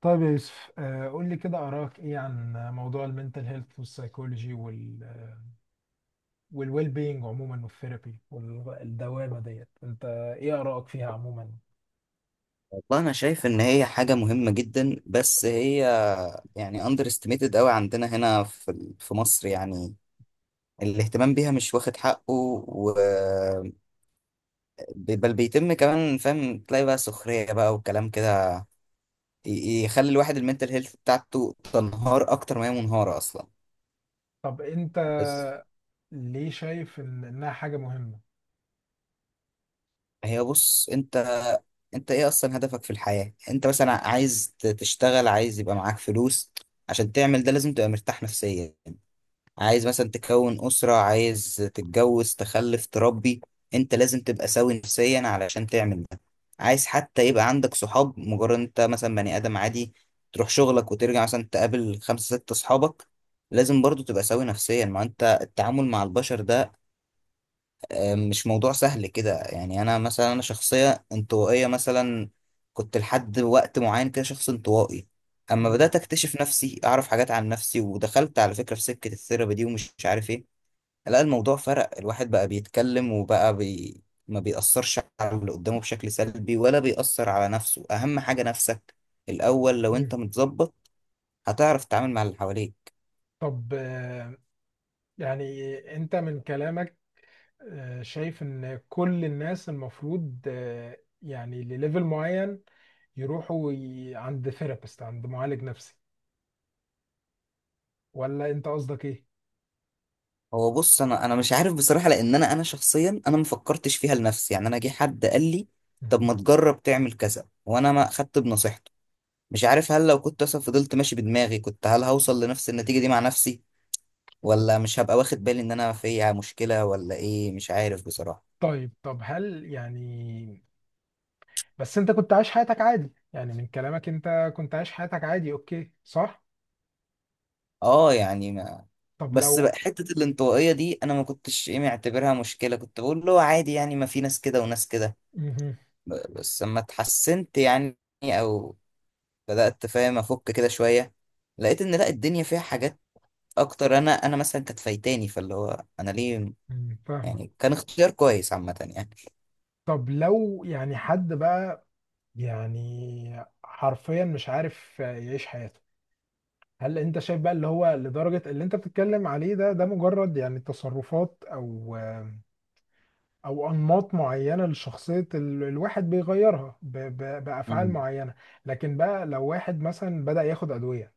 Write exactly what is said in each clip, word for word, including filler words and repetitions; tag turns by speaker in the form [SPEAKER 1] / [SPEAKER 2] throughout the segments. [SPEAKER 1] طيب يا يوسف، آه، قول لي كده آراك إيه عن موضوع المنتل هيلث والسايكولوجي وال والويل بينج عموما، والثيرابي والدوامة ديت. أنت إيه آراك فيها عموما؟
[SPEAKER 2] والله انا شايف ان هي حاجه مهمه جدا. بس هي يعني اندر استيميتد قوي عندنا هنا في ال- في مصر يعني. الاهتمام بيها مش واخد حقه، و ب- بل بيتم كمان، فاهم؟ تلاقي بقى سخريه بقى وكلام كده ي- يخلي الواحد المنتل هيلث بتاعته تنهار اكتر ما هي منهاره اصلا.
[SPEAKER 1] طب أنت
[SPEAKER 2] بس
[SPEAKER 1] ليه شايف إن إنها حاجة مهمة؟
[SPEAKER 2] هي بص، انت انت ايه اصلا هدفك في الحياه؟ انت مثلا عايز ت- تشتغل، عايز يبقى معاك فلوس، عشان تعمل ده لازم تبقى مرتاح نفسيا. عايز مثلا تكون أسرة، عايز تتجوز تخلف تربي، انت لازم تبقى سوي نفسيا علشان تعمل ده. عايز حتى يبقى عندك صحاب، مجرد انت مثلا بني آدم عادي تروح شغلك وترجع مثلا تقابل خمسة ستة صحابك، لازم برضو تبقى سوي نفسيا. ما انت التعامل مع البشر ده آه، مش موضوع سهل كده يعني. انا مثلا انا شخصية انطوائية مثلا، كنت لحد وقت معين كده شخص انطوائي. اما
[SPEAKER 1] مم.
[SPEAKER 2] بدأت اكتشف نفسي، اعرف حاجات عن نفسي، ودخلت على فكرة في سكة الثيرابي دي ومش عارف ايه، لا الموضوع فرق. الواحد بقى بيتكلم وبقى بي... ما بيأثرش على اللي قدامه بشكل سلبي ولا بيأثر على نفسه. أهم حاجة نفسك الأول، لو
[SPEAKER 1] مم.
[SPEAKER 2] أنت متظبط هتعرف تتعامل مع اللي حواليك.
[SPEAKER 1] طب، آه، يعني أنت من كلامك آه، شايف إن كل الناس المفروض، آه، يعني لليفل معين، يروحوا ي- عند ثيرابيست، عند معالج نفسي، ولا أنت قصدك إيه؟
[SPEAKER 2] هو بص، أنا أنا مش عارف بصراحة، لأن أنا أنا شخصيا أنا ما فكرتش فيها لنفسي يعني. أنا جه حد قال لي طب ما تجرب تعمل كذا، وأنا ما أخدت بنصيحته. مش عارف هل لو كنت مثلا فضلت ماشي بدماغي كنت هل هوصل لنفس النتيجة دي مع نفسي، ولا مش هبقى واخد بالي إن أنا فيها مشكلة، ولا إيه؟ مش عارف بصراحة.
[SPEAKER 1] طيب طب هل يعني، بس انت كنت عايش حياتك عادي، يعني من كلامك انت كنت عايش حياتك عادي، اوكي صح؟
[SPEAKER 2] اه يعني ما
[SPEAKER 1] طب
[SPEAKER 2] بس
[SPEAKER 1] لو.
[SPEAKER 2] بقى حتة الانطوائية دي أنا ما كنتش إيه معتبرها مشكلة، كنت بقول له عادي يعني، ما في ناس كده وناس كده.
[SPEAKER 1] مهم.
[SPEAKER 2] ب- بس لما اتحسنت يعني، أو بدأت فاهم أفك كده شوية، لقيت إن لأ، الدنيا فيها حاجات أكتر. أنا أنا مثلا كانت فايتاني، فاللي هو أنا ليه
[SPEAKER 1] مم، فاهمة.
[SPEAKER 2] يعني، كان اختيار كويس عامة يعني.
[SPEAKER 1] طب لو يعني حد بقى، يعني حرفيا مش عارف يعيش حياته، هل انت شايف بقى اللي هو لدرجة اللي انت بتتكلم عليه ده، ده مجرد يعني تصرفات او او انماط معينة لشخصية ال- الواحد، بيغيرها ب- ب- بافعال
[SPEAKER 2] مم.
[SPEAKER 1] معينة؟ لكن بقى لو واحد مثلا بدأ ياخد ادوية،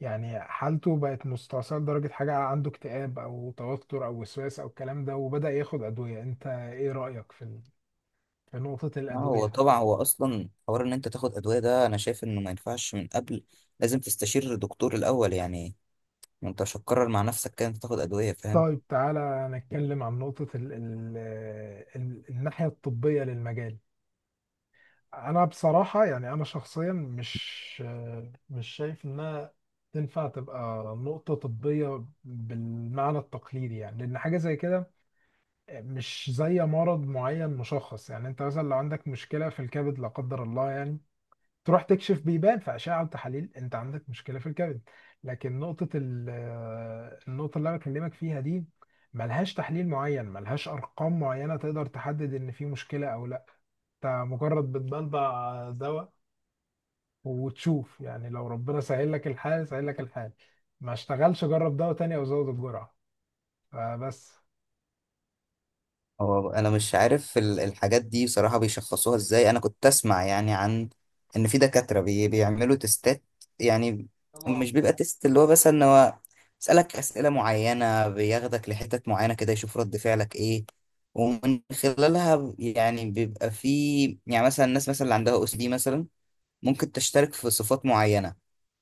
[SPEAKER 1] يعني حالته بقت مستعصية لدرجة، حاجة عنده اكتئاب أو توتر أو وسواس أو الكلام ده، وبدأ ياخد أدوية، أنت إيه رأيك في ال- في نقطة
[SPEAKER 2] آه،
[SPEAKER 1] الأدوية
[SPEAKER 2] هو
[SPEAKER 1] دي؟
[SPEAKER 2] طبعا هو أصلا حوار إن أنت تاخد أدوية ده أنا شايف إنه ما ينفعش. من قبل لازم تستشير الدكتور الأول يعني، ما أنت مش هتقرر مع نفسك كده أنت تاخد أدوية، فاهم؟
[SPEAKER 1] طيب تعالى نتكلم عن نقطة ال ال ال الناحية الطبية للمجال. أنا بصراحة يعني أنا شخصيا مش مش شايف إنها تنفع تبقى نقطة طبية بالمعنى التقليدي، يعني لأن حاجة زي كده مش زي مرض معين مشخص. يعني انت مثلا لو عندك مشكله في الكبد لا قدر الله، يعني تروح تكشف بيبان في اشعه وتحاليل انت عندك مشكله في الكبد. لكن نقطه ال- آه، النقطه اللي انا بكلمك فيها دي ملهاش تحليل معين، ملهاش ارقام معينه تقدر تحدد ان في مشكله او لا. انت مجرد بتبلبع دواء وتشوف، يعني لو ربنا سهل لك الحال سهل لك الحال، ما اشتغلش جرب دواء تاني او زود الجرعه. فبس.
[SPEAKER 2] هو انا مش عارف ال- الحاجات دي بصراحة بيشخصوها ازاي. انا كنت اسمع يعني عن ان في دكاترة بي بيعملوا تستات يعني. مش بيبقى تيست اللي هو، بس ان هو يسألك اسئلة معينة، بياخدك لحتت معينة كده يشوف رد فعلك ايه، ومن خلالها يعني بيبقى في يعني مثلا الناس مثلا اللي عندها او اس دي مثلا ممكن تشترك في صفات معينة.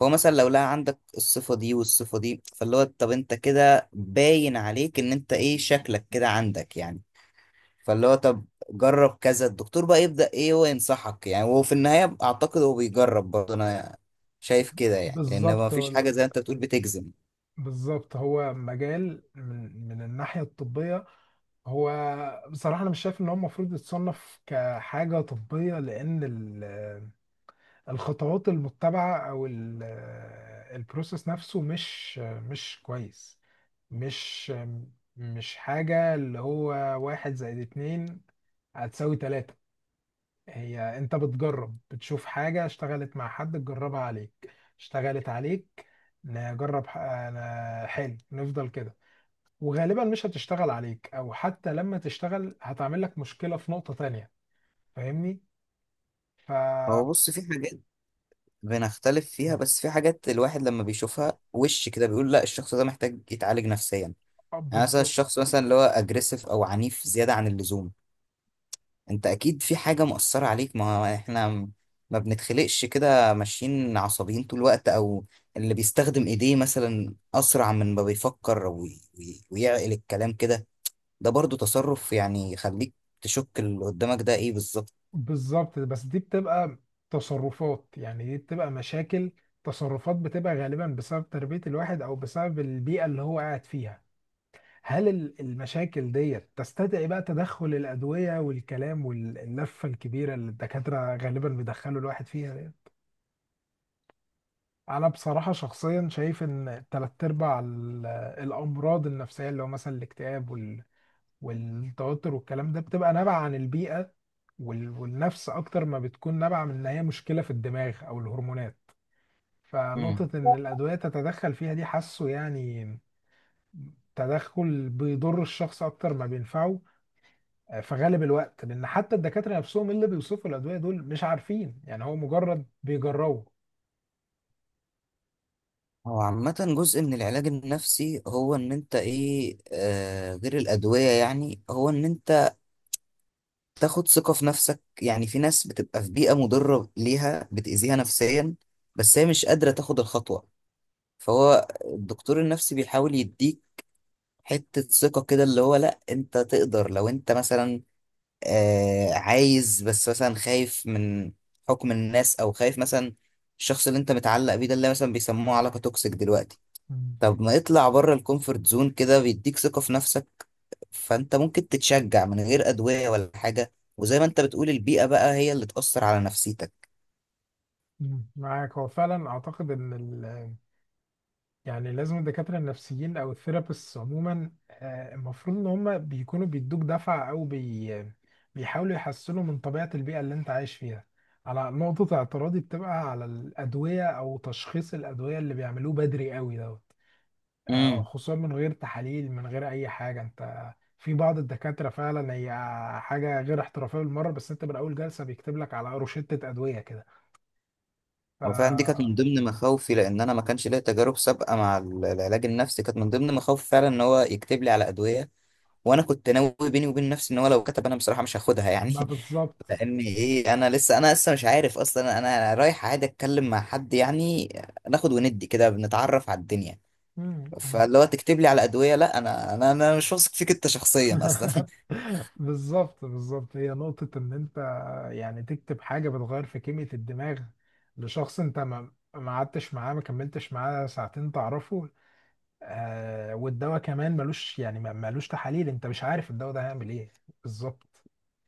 [SPEAKER 2] فهو مثلا لو لقى عندك الصفة دي والصفة دي، فاللي هو طب انت كده باين عليك ان انت ايه شكلك كده عندك يعني. فاللي هو طب جرب كذا، الدكتور بقى يبدأ ايه هو ينصحك يعني. هو في النهاية اعتقد هو بيجرب برضه، انا شايف كده يعني، لان
[SPEAKER 1] بالظبط
[SPEAKER 2] ما فيش حاجة زي ما انت بتقول بتجزم.
[SPEAKER 1] بالظبط هو مجال من من الناحية الطبية، هو بصراحة أنا مش شايف إن هو المفروض يتصنف كحاجة طبية، لأن ال- الخطوات المتبعة أو ال- البروسيس نفسه مش مش كويس. مش مش حاجة اللي هو واحد زائد اتنين هتساوي تلاتة. هي أنت بتجرب، بتشوف حاجة اشتغلت مع حد تجربها عليك، اشتغلت عليك، نجرب ح- أنا- حلو نفضل كده. وغالبا مش هتشتغل عليك، او حتى لما تشتغل هتعمل لك مشكلة في نقطة تانية، فاهمني؟ ف
[SPEAKER 2] هو بص في حاجات بنختلف فيها، بس في حاجات الواحد لما بيشوفها وش كده بيقول لا، الشخص ده محتاج يتعالج نفسيا يعني. مثلا
[SPEAKER 1] بالظبط
[SPEAKER 2] الشخص مثلا اللي هو اجريسيف او عنيف زيادة عن اللزوم، انت اكيد في حاجة مؤثرة عليك، ما هو احنا م- ما بنتخلقش كده ماشيين عصبيين طول الوقت. او اللي بيستخدم ايديه مثلا اسرع من ما بيفكر وي- وي- ويعقل الكلام كده، ده برضو تصرف يعني يخليك تشك اللي قدامك ده ايه بالظبط.
[SPEAKER 1] بالظبط بس دي بتبقى تصرفات، يعني دي بتبقى مشاكل، تصرفات بتبقى غالبا بسبب تربية الواحد أو بسبب البيئة اللي هو قاعد فيها. هل ال- المشاكل ديت تستدعي بقى تدخل الأدوية والكلام واللفة الكبيرة اللي الدكاترة غالبا بيدخلوا الواحد فيها؟ انا بصراحه شخصيا شايف ان تلات ارباع ال- الامراض النفسيه، اللي هو مثلا الاكتئاب وال... والتوتر والكلام ده، بتبقى نابعه عن البيئه وال... والنفس اكتر ما بتكون نابعه من ان هي مشكله في الدماغ او الهرمونات.
[SPEAKER 2] مم.
[SPEAKER 1] فنقطه ان الادويه تتدخل فيها دي، حاسه يعني تدخل بيضر الشخص اكتر ما بينفعه، آه، في غالب الوقت، لان حتى الدكاتره نفسهم اللي بيوصفوا الادويه دول مش عارفين، يعني هو مجرد بيجربوا.
[SPEAKER 2] هو عامة جزء من العلاج النفسي هو ان انت ايه آه غير الادوية، يعني هو ان انت تاخد ثقة في نفسك. يعني في ناس بتبقى في بيئة مضرة ليها، بتأذيها نفسيا، بس هي مش قادرة تاخد الخطوة، فهو الدكتور النفسي بيحاول يديك حتة ثقة كده، اللي هو لأ أنت تقدر. لو أنت مثلا آه عايز، بس مثلا خايف من حكم الناس، أو خايف مثلا الشخص اللي أنت متعلق بيه ده اللي مثلا بيسموه علاقة توكسيك دلوقتي، طب ما يطلع بره الكومفورت زون كده، بيديك ثقة في نفسك. فأنت ممكن تتشجع من غير أدوية ولا حاجة، وزي ما أنت بتقول البيئة بقى هي اللي تأثر على نفسيتك.
[SPEAKER 1] مم. معاك. هو فعلا اعتقد ان ال، يعني لازم الدكاتره النفسيين او الثيرابيست عموما، آه، المفروض ان هم بيكونوا بيدوك دفعه، او بي بيحاولوا يحسنوا من طبيعه البيئه اللي انت عايش فيها. على نقطه اعتراضي بتبقى على الادويه او تشخيص الادويه اللي بيعملوه بدري قوي دوت، آه،
[SPEAKER 2] مم.
[SPEAKER 1] خصوصا من غير تحاليل من غير اي حاجه. انت في بعض الدكاتره فعلا هي حاجه غير احترافيه بالمره، بس انت من اول جلسه بيكتب لك على روشته ادويه كده.
[SPEAKER 2] هو فعلا دي كانت
[SPEAKER 1] ف
[SPEAKER 2] من ضمن مخاوفي، لان انا ما كانش ليا تجارب سابقه مع ال- العلاج النفسي. كانت من ضمن مخاوفي فعلا ان هو يكتب لي على ادويه، وانا كنت ناوي بيني وبين نفسي ان هو لو كتب انا بصراحه مش هاخدها يعني.
[SPEAKER 1] ما بالظبط.
[SPEAKER 2] لان ايه، انا لسه انا لسه مش عارف اصلا، انا رايح عادي اتكلم مع حد يعني، ناخد وندي كده بنتعرف على الدنيا،
[SPEAKER 1] مم، مم.
[SPEAKER 2] فاللي هو تكتب لي على ادويه؟ لا انا انا انا مش واثق فيك انت شخصيا اصلا.
[SPEAKER 1] بالظبط، بالظبط. هي نقطة إن أنت يعني تكتب حاجة بتغير في كيمياء الدماغ لشخص أنت ما ما قعدتش معاه، ما كملتش معاه ساعتين تعرفه. آه، والدواء كمان ملوش، يعني ما- ملوش تحاليل، أنت مش عارف الدواء ده هيعمل إيه. بالظبط.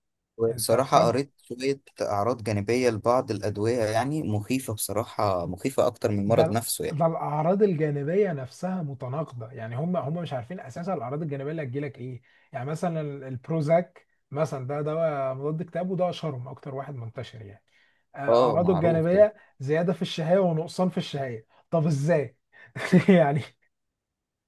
[SPEAKER 1] أنت
[SPEAKER 2] وبصراحه
[SPEAKER 1] قد،
[SPEAKER 2] قريت شويه اعراض جانبيه لبعض الادويه يعني مخيفه، بصراحه مخيفه اكتر من
[SPEAKER 1] ده
[SPEAKER 2] المرض
[SPEAKER 1] ال-
[SPEAKER 2] نفسه يعني.
[SPEAKER 1] ده الاعراض الجانبيه نفسها متناقضه، يعني هم هم مش عارفين اساسا الاعراض الجانبيه اللي هتجيلك ايه. يعني مثلا ال- البروزاك مثلا، ده دواء مضاد اكتئاب وده اشهرهم، اكتر واحد منتشر يعني. آه،
[SPEAKER 2] اه
[SPEAKER 1] اعراضه
[SPEAKER 2] معروف ده.
[SPEAKER 1] الجانبيه زياده في الشهيه ونقصان في الشهيه. طب ازاي؟ يعني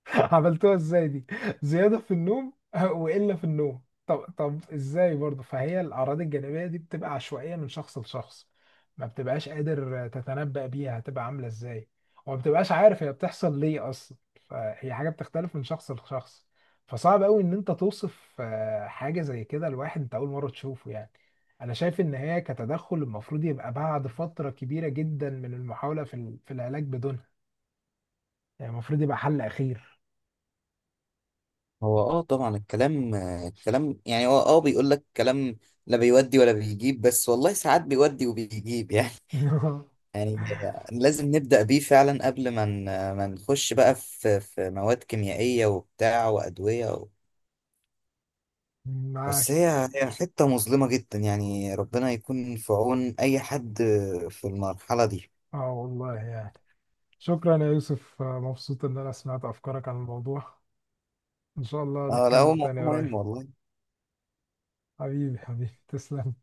[SPEAKER 1] عملتوها ازاي دي؟ زيادة في النوم وإلا في النوم؟ طب طب ازاي برضه؟ فهي الأعراض الجانبية دي بتبقى عشوائية من شخص لشخص، ما بتبقاش قادر تتنبأ بيها هتبقى عاملة ازاي، وما بتبقاش عارف هي بتحصل ليه أصلا. فهي حاجة بتختلف من شخص لشخص. فصعب قوي إن أنت توصف، آه، حاجة زي كده لواحد أنت أول مرة تشوفه يعني. أنا شايف إن هي كتدخل المفروض يبقى بعد فترة كبيرة جدا من المحاولة في ال- في العلاج بدونها، يعني المفروض يبقى حل أخير.
[SPEAKER 2] هو اه طبعا الكلام آه، الكلام يعني هو اه بيقول لك كلام لا بيودي ولا بيجيب، بس والله ساعات بيودي وبيجيب يعني. يعني لازم نبدأ بيه فعلا قبل ما ن- ما نخش بقى في في مواد كيميائية وبتاع وأدوية و...
[SPEAKER 1] معاك.
[SPEAKER 2] بس هي هي حتة مظلمة جدا يعني، ربنا يكون في عون أي حد في المرحلة دي.
[SPEAKER 1] اه والله يعني. شكرا يا يوسف، آه، مبسوط ان انا سمعت افكارك عن الموضوع. ان شاء الله
[SPEAKER 2] اه لا هو
[SPEAKER 1] نتكلم
[SPEAKER 2] موضوع
[SPEAKER 1] تاني قريب.
[SPEAKER 2] مهم والله.
[SPEAKER 1] حبيبي حبيبي، تسلم.